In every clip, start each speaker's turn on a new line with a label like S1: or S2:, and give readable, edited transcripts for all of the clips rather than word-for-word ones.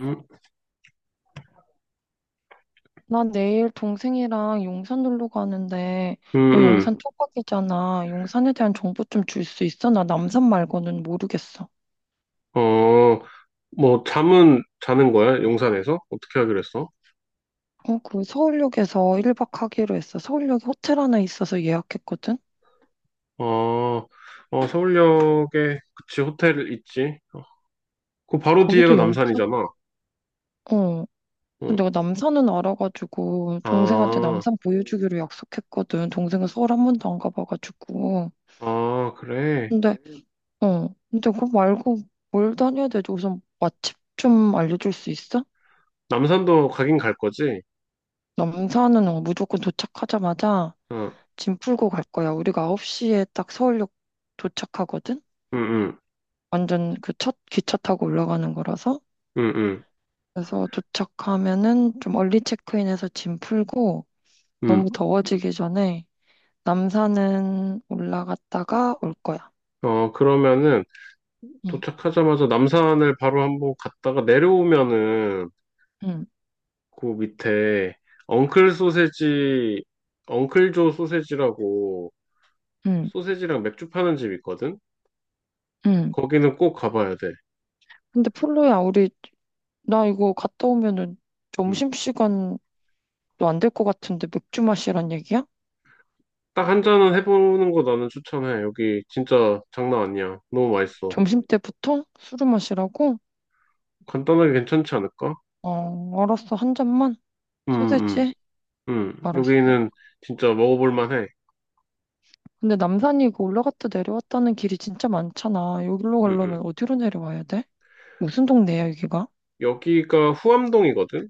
S1: 음,
S2: 나 내일 동생이랑 용산 놀러 가는데,
S1: 음,
S2: 너
S1: 음.
S2: 용산 토박이잖아. 용산에 대한 정보 좀 줄 수 있어? 나 남산 말고는 모르겠어.
S1: 어, 뭐, 잠은 자는 거야? 용산에서? 어떻게 하기로 했어?
S2: 어, 그 서울역에서 1박 하기로 했어. 서울역에 호텔 하나 있어서 예약했거든?
S1: 어, 어, 서울역에, 그치, 호텔 있지. 어, 그 바로 뒤에가
S2: 거기도 용산?
S1: 남산이잖아.
S2: 어. 그래서 내가
S1: 어,
S2: 남산은 알아가지고, 동생한테
S1: 아,
S2: 남산 보여주기로 약속했거든. 동생은 서울 한 번도 안 가봐가지고.
S1: 아, 그래.
S2: 근데, 어. 근데 그거 말고 뭘 다녀야 되지? 우선 맛집 좀 알려줄 수 있어?
S1: 남산도 가긴 갈 거지?
S2: 남산은 무조건 도착하자마자
S1: 어,
S2: 짐 풀고 갈 거야. 우리가 9시에 딱 서울역 도착하거든?
S1: 응, 응,
S2: 완전 그 첫 기차 타고 올라가는 거라서.
S1: 응, 응,
S2: 그래서 도착하면은 좀 얼리 체크인해서 짐 풀고
S1: 응.
S2: 너무 더워지기 전에 남산은 올라갔다가 올 거야.
S1: 어, 그러면은,
S2: 응,
S1: 도착하자마자 남산을 바로 한번 갔다가 내려오면은,
S2: 응,
S1: 그 밑에, 엉클 소세지, 엉클조 소세지라고,
S2: 응,
S1: 소세지랑 맥주 파는 집 있거든?
S2: 응.
S1: 거기는 꼭 가봐야 돼.
S2: 근데 폴로야, 우리, 나 이거 갔다 오면은
S1: 음.
S2: 점심시간도 안 될 것 같은데 맥주 마시란 얘기야?
S1: 딱 한 잔은 해보는 거 나는 추천해. 여기 진짜 장난 아니야. 너무 맛있어.
S2: 점심 때부터 술을 마시라고?
S1: 간단하게 괜찮지 않을까?
S2: 어, 알았어. 한 잔만?
S1: 음, 음,
S2: 소세지?
S1: 음.
S2: 알았어.
S1: 여기는 진짜 먹어볼 만해.
S2: 근데 남산이 그 올라갔다 내려왔다는 길이 진짜 많잖아. 여기로
S1: 음,
S2: 가려면
S1: 음.
S2: 어디로 내려와야 돼? 무슨 동네야, 여기가?
S1: 여기가 후암동이거든?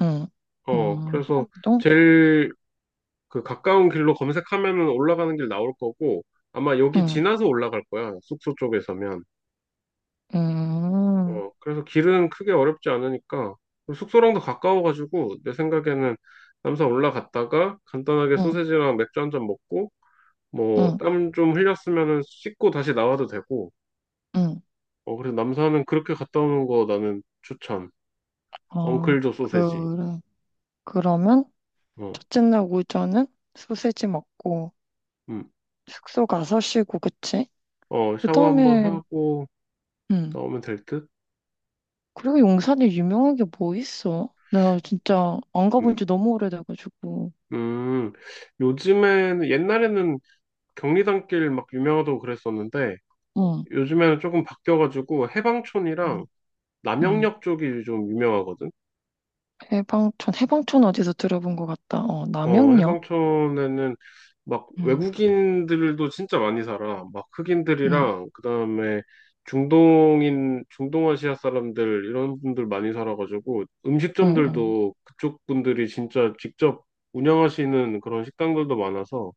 S2: 응.
S1: 어,
S2: 음,
S1: 그래서
S2: 동?
S1: 제일 그 가까운 길로 검색하면은 올라가는 길 나올 거고, 아마 여기
S2: 응.
S1: 지나서 올라갈 거야. 숙소 쪽에서면.
S2: 음,
S1: 어, 그래서 길은 크게 어렵지 않으니까 그리고 숙소랑도 가까워가지고 내 생각에는 남산 올라갔다가 간단하게
S2: 응,
S1: 소세지랑 맥주 한 잔 먹고 뭐
S2: 응,
S1: 땀 좀 흘렸으면은 씻고 다시 나와도 되고
S2: 응.
S1: 어 그래서 남산은 그렇게 갔다 오는 거 나는 추천.
S2: 어,
S1: 엉클조 소세지.
S2: 그래. 그러면
S1: 어,
S2: 첫째 날 오전은 소세지 먹고
S1: 음.
S2: 숙소 가서 쉬고, 그치?
S1: 어
S2: 그
S1: 샤워 한번
S2: 다음에,
S1: 하고
S2: 응.
S1: 나오면 될 듯?
S2: 그리고 용산에 유명한 게 뭐 있어? 나 진짜 안
S1: 음.
S2: 가본 지 너무 오래돼가지고.
S1: 음. 요즘에는 옛날에는 경리단길 막 유명하다고 그랬었는데
S2: 응,
S1: 요즘에는 조금 바뀌어가지고 해방촌이랑
S2: 응, 응.
S1: 남영역 쪽이 좀 유명하거든.
S2: 해방촌, 해방촌 어디서 들어본 것 같다. 어,
S1: 어,
S2: 남영역?
S1: 해방촌에는 막
S2: 응,
S1: 외국인들도 진짜 많이 살아. 막
S2: 응,
S1: 흑인들이랑 그다음에 중동인, 중동아시아 사람들 이런 분들 많이 살아가지고
S2: 응, 응,
S1: 음식점들도 그쪽 분들이 진짜 직접 운영하시는 그런 식당들도 많아서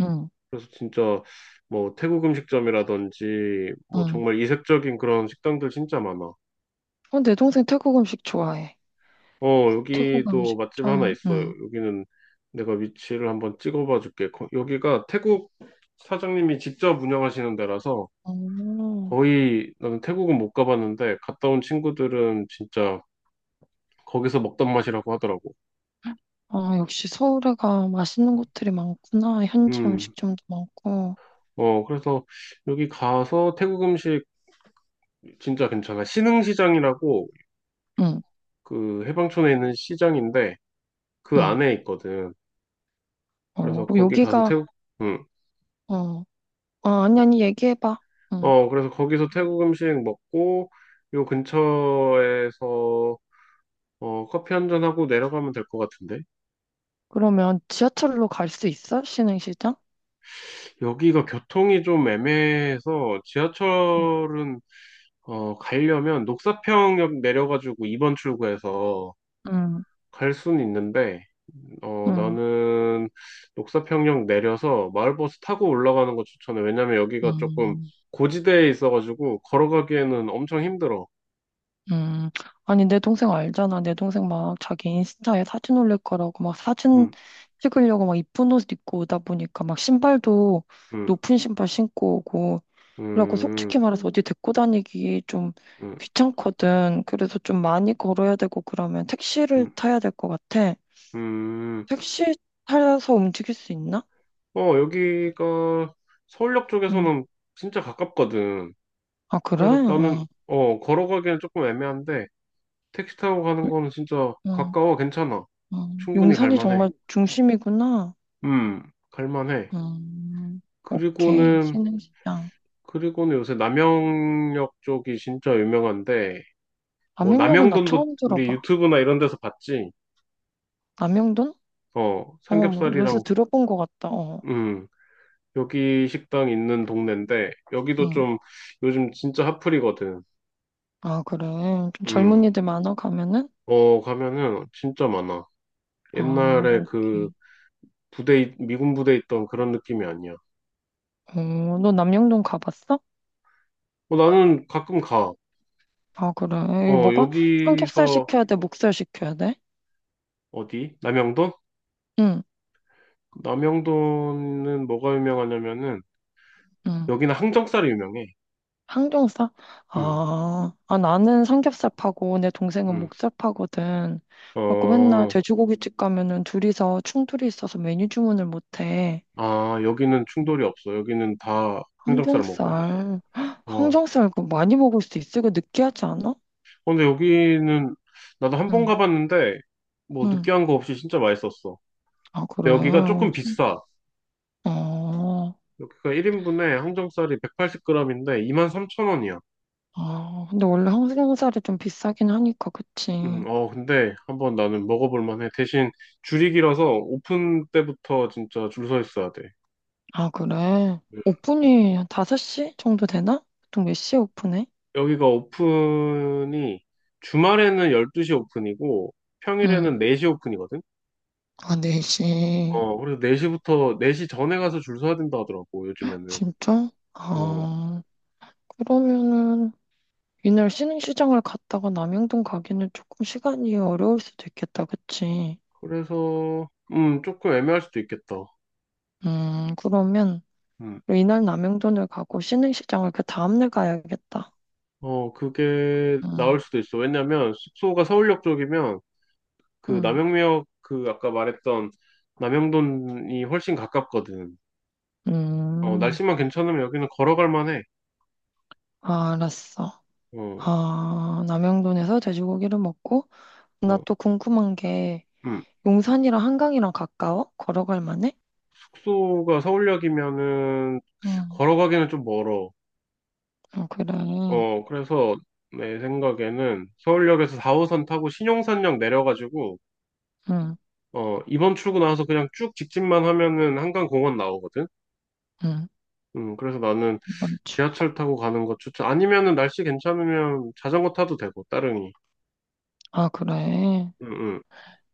S2: 응,
S1: 그래서 진짜 뭐 태국 음식점이라든지 뭐
S2: 응.
S1: 정말 이색적인 그런 식당들 진짜 많아.
S2: 어, 내 동생 태국 음식 좋아해.
S1: 어,
S2: 태국
S1: 여기도
S2: 음식
S1: 맛집 하나
S2: 참,
S1: 있어요.
S2: 응.
S1: 여기는 내가 위치를 한번 찍어봐 줄게. 여기가 태국 사장님이 직접 운영하시는 데라서
S2: 어,
S1: 거의 나는 태국은 못 가봤는데 갔다 온 친구들은 진짜 거기서 먹던 맛이라고 하더라고.
S2: 아, 역시 서울에 가 맛있는 곳들이 많구나. 현지
S1: 음,
S2: 음식점도 많고.
S1: 어, 그래서 여기 가서 태국 음식 진짜 괜찮아. 신흥시장이라고
S2: 응,
S1: 그 해방촌에 있는 시장인데 그
S2: 응.
S1: 안에 있거든.
S2: 어,
S1: 그래서
S2: 그럼
S1: 거기 가서
S2: 여기가,
S1: 태국, 음,
S2: 어, 아, 아니, 아니, 얘기해봐. 응.
S1: 어, 그래서 거기서 태국 음식 먹고, 요 근처에서, 어, 커피 한 잔하고 내려가면 될 것 같은데?
S2: 그러면 지하철로 갈 수 있어? 신흥시장?
S1: 여기가 교통이 좀 애매해서,
S2: 응.
S1: 지하철은, 어, 가려면 녹사평역 내려가지고 2번 출구에서
S2: 응,
S1: 갈 수는 있는데, 어,
S2: 응.
S1: 나는 녹사평역 내려서 마을버스 타고 올라가는 거 추천해. 왜냐면 여기가 조금
S2: 음.
S1: 고지대에 있어가지고, 걸어가기에는 엄청 힘들어.
S2: 음, 아니, 내 동생 알잖아. 내 동생 막 자기 인스타에 사진 올릴 거라고 막 사진
S1: 음,
S2: 찍으려고 막 이쁜 옷 입고 오다 보니까 막 신발도
S1: 음,
S2: 높은 신발 신고 오고
S1: 음,
S2: 이러고
S1: 음.
S2: 솔직히 말해서 어디 데리고 다니기 좀
S1: 음.
S2: 귀찮거든. 그래서 좀 많이 걸어야 되고 그러면 택시를
S1: 음.
S2: 타야 될 것 같아.
S1: 음,
S2: 택시 타서 움직일 수 있나?
S1: 어, 여기가 서울역
S2: 응.
S1: 쪽에서는 진짜 가깝거든.
S2: 아, 그래?
S1: 그래서 나는,
S2: 응.
S1: 어, 걸어가기는 조금 애매한데, 택시 타고 가는 거는 진짜
S2: 응,
S1: 가까워, 괜찮아.
S2: 응.
S1: 충분히
S2: 용산이
S1: 갈만해.
S2: 정말 중심이구나.
S1: 음, 갈만해.
S2: 음, 오케이.
S1: 그리고는,
S2: 신흥시장.
S1: 요새 남영역 쪽이 진짜 유명한데, 뭐,
S2: 남영역은 나
S1: 남영돈도
S2: 처음
S1: 우리
S2: 들어봐.
S1: 유튜브나 이런 데서 봤지?
S2: 남영돈?
S1: 어,
S2: 어, 뭐 요새
S1: 삼겹살이랑,
S2: 들어본 것 같다. 어,
S1: 음, 여기 식당 있는 동네인데, 여기도
S2: 응.
S1: 좀 요즘 진짜 핫플이거든.
S2: 아, 그래. 좀
S1: 음.
S2: 젊은이들 많아 가면은?
S1: 어, 가면은 진짜 많아.
S2: 아,
S1: 옛날에 그
S2: 오케이.
S1: 부대, 미군 부대 있던 그런 느낌이 아니야.
S2: 어, 너 남영동 가봤어?
S1: 어, 나는 가끔 가.
S2: 아, 그래. 이거
S1: 어,
S2: 뭐가? 삼겹살
S1: 여기서.
S2: 시켜야 돼? 목살 시켜야 돼?
S1: 어디? 남영돈?
S2: 응,
S1: 남영돈은 뭐가 유명하냐면은
S2: 응.
S1: 여기는 항정살이 유명해.
S2: 항정살?
S1: 음,
S2: 아, 아, 나는 삼겹살 파고 내 동생은
S1: 음.
S2: 목살 파거든. 그래갖고 맨날
S1: 어,
S2: 돼지고기집 가면은 둘이서 충돌이 있어서 메뉴 주문을 못 해.
S1: 아, 여기는 충돌이 없어. 여기는 다 항정살 먹어.
S2: 항정살. 헉,
S1: 어. 어,
S2: 항정살 그거 많이 먹을 수 있어? 이거 느끼하지 않아?
S1: 근데 여기는 나도 한 번
S2: 응.
S1: 가봤는데 뭐
S2: 응.
S1: 느끼한 거 없이 진짜 맛있었어.
S2: 아,
S1: 근데
S2: 그래.
S1: 여기가 조금
S2: 좀,
S1: 비싸.
S2: 어,
S1: 여기가 1인분에 항정살이 180g인데 23,000원이야.
S2: 아, 근데 원래 항정살이 좀 비싸긴 하니까, 그치.
S1: 어, 근데 한번 나는 먹어볼 만해. 대신 줄이 길어서 오픈 때부터 진짜 줄 서 있어야 돼.
S2: 아, 그래.
S1: 음,
S2: 오픈이 한 5시 정도 되나? 보통 몇 시에 오픈해?
S1: 여기가 오픈이 주말에는 12시 오픈이고
S2: 응.
S1: 평일에는 4시 오픈이거든?
S2: 아, 4시.
S1: 어, 그래서 4시부터, 네 시 전에 가서 줄 서야 된다 하더라고, 요즘에는.
S2: 진짜?
S1: 어,
S2: 아, 그러면은, 이날 신흥시장을 갔다가 남영동 가기는 조금 시간이 어려울 수도 있겠다, 그치?
S1: 그래서, 조금 애매할 수도 있겠다.
S2: 그러면...
S1: 음,
S2: 이날 남영돈을 가고 신흥시장을 그 다음날 가야겠다.
S1: 어, 그게 나을
S2: 응.
S1: 수도 있어. 왜냐면 숙소가 서울역 쪽이면 그
S2: 응,
S1: 남영미역 그 아까 말했던 남영돈이 훨씬 가깝거든. 어,
S2: 음,
S1: 날씨만 괜찮으면 여기는 걸어갈 만해.
S2: 아, 알았어.
S1: 어,
S2: 아, 남영돈에서 돼지고기를 먹고, 나
S1: 어,
S2: 또 궁금한 게,
S1: 음.
S2: 용산이랑 한강이랑 가까워? 걸어갈 만해?
S1: 숙소가 서울역이면은
S2: 응.
S1: 걸어가기는 좀 멀어.
S2: 어, 그래.
S1: 어, 그래서 내 생각에는 서울역에서 4호선 타고 신용산역 내려가지고
S2: 응,
S1: 어, 이번 출구 나와서 그냥 쭉 직진만 하면은 한강공원 나오거든.
S2: 응.
S1: 그래서 나는
S2: 이번 주.
S1: 지하철 타고 가는 거 추천. 아니면은 날씨 괜찮으면 자전거 타도 되고 따릉이.
S2: 아, 그래.
S1: 음, 음.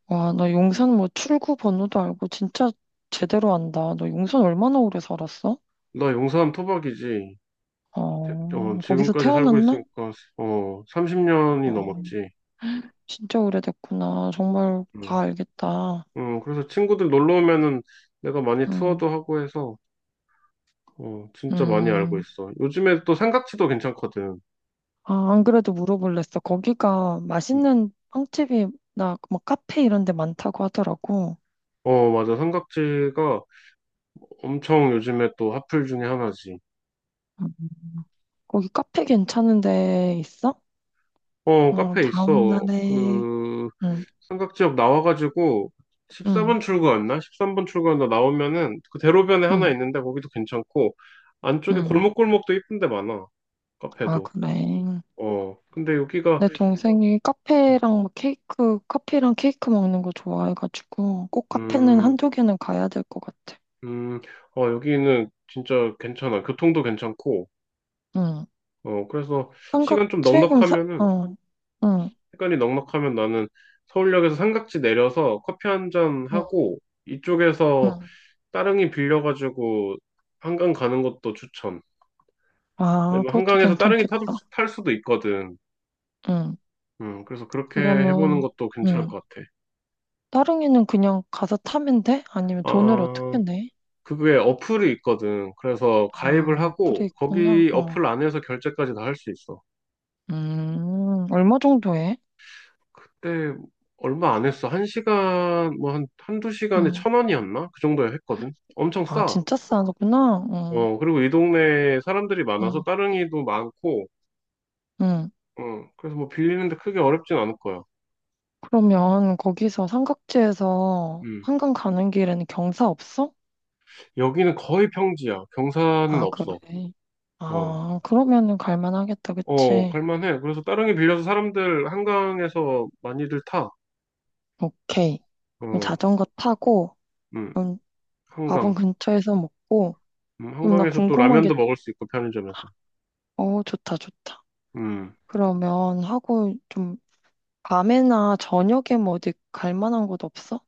S2: 와, 너 용산 뭐 출구 번호도 알고 진짜 제대로 안다. 너 용산 얼마나 오래 살았어?
S1: 나 용산 토박이지.
S2: 어,
S1: 어,
S2: 거기서
S1: 지금까지 살고
S2: 태어났나?
S1: 있으니까, 어, 30년이
S2: 어,
S1: 넘었지.
S2: 진짜 오래됐구나. 정말
S1: 음.
S2: 다 알겠다.
S1: 그래서 친구들 놀러 오면은 내가 많이
S2: 음,
S1: 투어도 하고 해서, 어, 진짜 많이 알고
S2: 음.
S1: 있어. 요즘에 또 삼각지도 괜찮거든.
S2: 아, 안 그래도 물어볼랬어. 거기가
S1: 음.
S2: 맛있는 빵집이나 뭐 카페 이런 데 많다고 하더라고.
S1: 어, 맞아. 삼각지가 엄청 요즘에 또 핫플 중에 하나지.
S2: 음. 거기 카페 괜찮은 데 있어?
S1: 어,
S2: 어,
S1: 카페
S2: 다음
S1: 있어.
S2: 날에.
S1: 그,
S2: 응,
S1: 삼각지역 나와가지고,
S2: 응,
S1: 13번 출구였나? 13번 출구였나 나오면은, 그 대로변에 하나
S2: 응,
S1: 있는데, 거기도 괜찮고, 안쪽에
S2: 응.
S1: 골목골목도 이쁜 데 많아.
S2: 아,
S1: 카페도.
S2: 그래.
S1: 어, 근데 여기가,
S2: 내 동생이 카페랑 막 케이크, 커피랑 케이크 먹는 거 좋아해가지고 꼭 카페는
S1: 음,
S2: 한두 개는 가야 될 것 같아.
S1: 음, 어, 여기는 진짜 괜찮아. 교통도 괜찮고,
S2: 응.
S1: 어, 그래서
S2: 삼각
S1: 시간 좀
S2: 튀김사?
S1: 넉넉하면은,
S2: 어, 응,
S1: 시간이 넉넉하면 나는 서울역에서 삼각지 내려서 커피 한잔
S2: 응,
S1: 하고, 이쪽에서
S2: 응.
S1: 따릉이 빌려가지고 한강 가는 것도 추천. 근데
S2: 아,
S1: 뭐
S2: 그것도
S1: 한강에서 따릉이 타도,
S2: 괜찮겠다.
S1: 탈 수도 있거든.
S2: 응.
S1: 그래서 그렇게 해보는
S2: 그러면,
S1: 것도 괜찮을
S2: 응.
S1: 것 같아.
S2: 따릉이는 그냥 가서 타면 돼? 아니면 돈을 어떻게
S1: 아,
S2: 내?
S1: 그게 어플이 있거든. 그래서 가입을
S2: 아,
S1: 하고
S2: 그래 있구나.
S1: 거기
S2: 어.
S1: 어플 안에서 결제까지 다 할 수 있어.
S2: 얼마 정도 해?
S1: 그때 얼마 안 했어. 한 시간, 뭐 한, 한두 시간에
S2: 응.
S1: 천 원이었나? 그 정도에 했거든. 엄청
S2: 아,
S1: 싸.
S2: 진짜 싸구나. 응,
S1: 어, 그리고 이 동네에 사람들이 많아서
S2: 응,
S1: 따릉이도 많고,
S2: 응.
S1: 어, 그래서 뭐 빌리는데 크게 어렵진 않을 거야.
S2: 그러면 거기서 삼각지에서
S1: 음.
S2: 한강 가는 길에는 경사 없어?
S1: 여기는 거의 평지야. 경사는
S2: 아,
S1: 없어.
S2: 그래.
S1: 어,
S2: 아, 그러면은 갈만하겠다,
S1: 어,
S2: 그치?
S1: 갈만해. 그래서 따릉이 빌려서 사람들 한강에서 많이들 타.
S2: 오케이. 그럼
S1: 어,
S2: 자전거 타고,
S1: 음,
S2: 그럼 밥은
S1: 한강.
S2: 근처에서 먹고, 그럼 나
S1: 한강에서 또
S2: 궁금한 게,
S1: 라면도 먹을 수 있고, 편의점에서.
S2: 어, 좋다, 좋다.
S1: 음,
S2: 그러면 하고 좀 밤에나 저녁에 뭐 어디 갈 만한 곳 없어?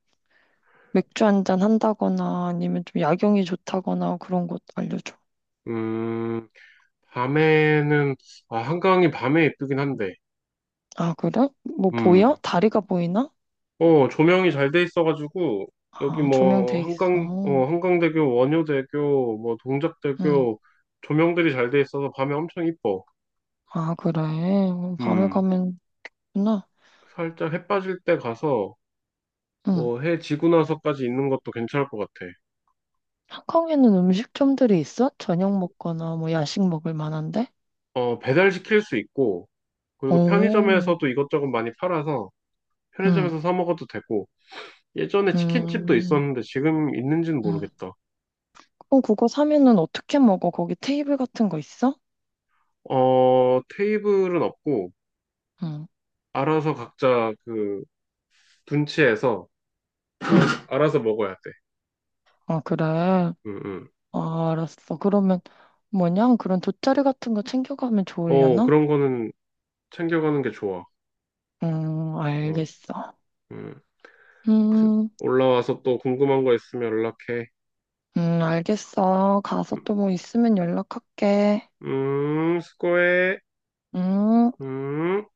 S2: 맥주 한잔 한다거나 아니면 좀 야경이 좋다거나 그런 곳 알려줘.
S1: 음, 밤에는, 아, 한강이 밤에 예쁘긴 한데,
S2: 아, 그래? 뭐 보여?
S1: 음,
S2: 다리가 보이나?
S1: 어, 조명이 잘 돼 있어가지고, 여기
S2: 아,
S1: 뭐,
S2: 조명돼
S1: 한강,
S2: 있어.
S1: 어, 한강대교, 원효대교, 뭐,
S2: 응.
S1: 동작대교, 조명들이 잘 돼 있어서 밤에 엄청 이뻐.
S2: 아, 그래. 그럼 밤에
S1: 음,
S2: 가면 좋구나.
S1: 살짝 해 빠질 때 가서,
S2: 응.
S1: 뭐 해 지고 나서까지 있는 것도 괜찮을 것 같아.
S2: 한강에는 음식점들이 있어? 저녁 먹거나 뭐 야식 먹을 만한데?
S1: 어, 배달시킬 수 있고, 그리고
S2: 오,
S1: 편의점에서도 이것저것 많이 팔아서
S2: 응,
S1: 편의점에서 사 먹어도 되고, 예전에 치킨집도
S2: 음. 음,
S1: 있었는데 지금 있는지는
S2: 응.
S1: 모르겠다.
S2: 어, 그거 사면은 어떻게 먹어? 거기 테이블 같은 거 있어?
S1: 어, 테이블은 없고,
S2: 응,
S1: 알아서 각자 그 분치해서
S2: 응.
S1: 알아서 먹어야 돼.
S2: 아, 그래. 아,
S1: 응, 응.
S2: 알았어. 그러면 뭐냐? 그런 돗자리 같은 거 챙겨가면
S1: 어,
S2: 좋으려나?
S1: 그런 거는 챙겨가는 게 좋아. 어,
S2: 알겠어.
S1: 음.
S2: 음,
S1: 올라와서 또 궁금한 거 있으면 연락해.
S2: 알겠어. 가서 또 뭐 있으면 연락할게.
S1: 수고해.
S2: 음.
S1: 음.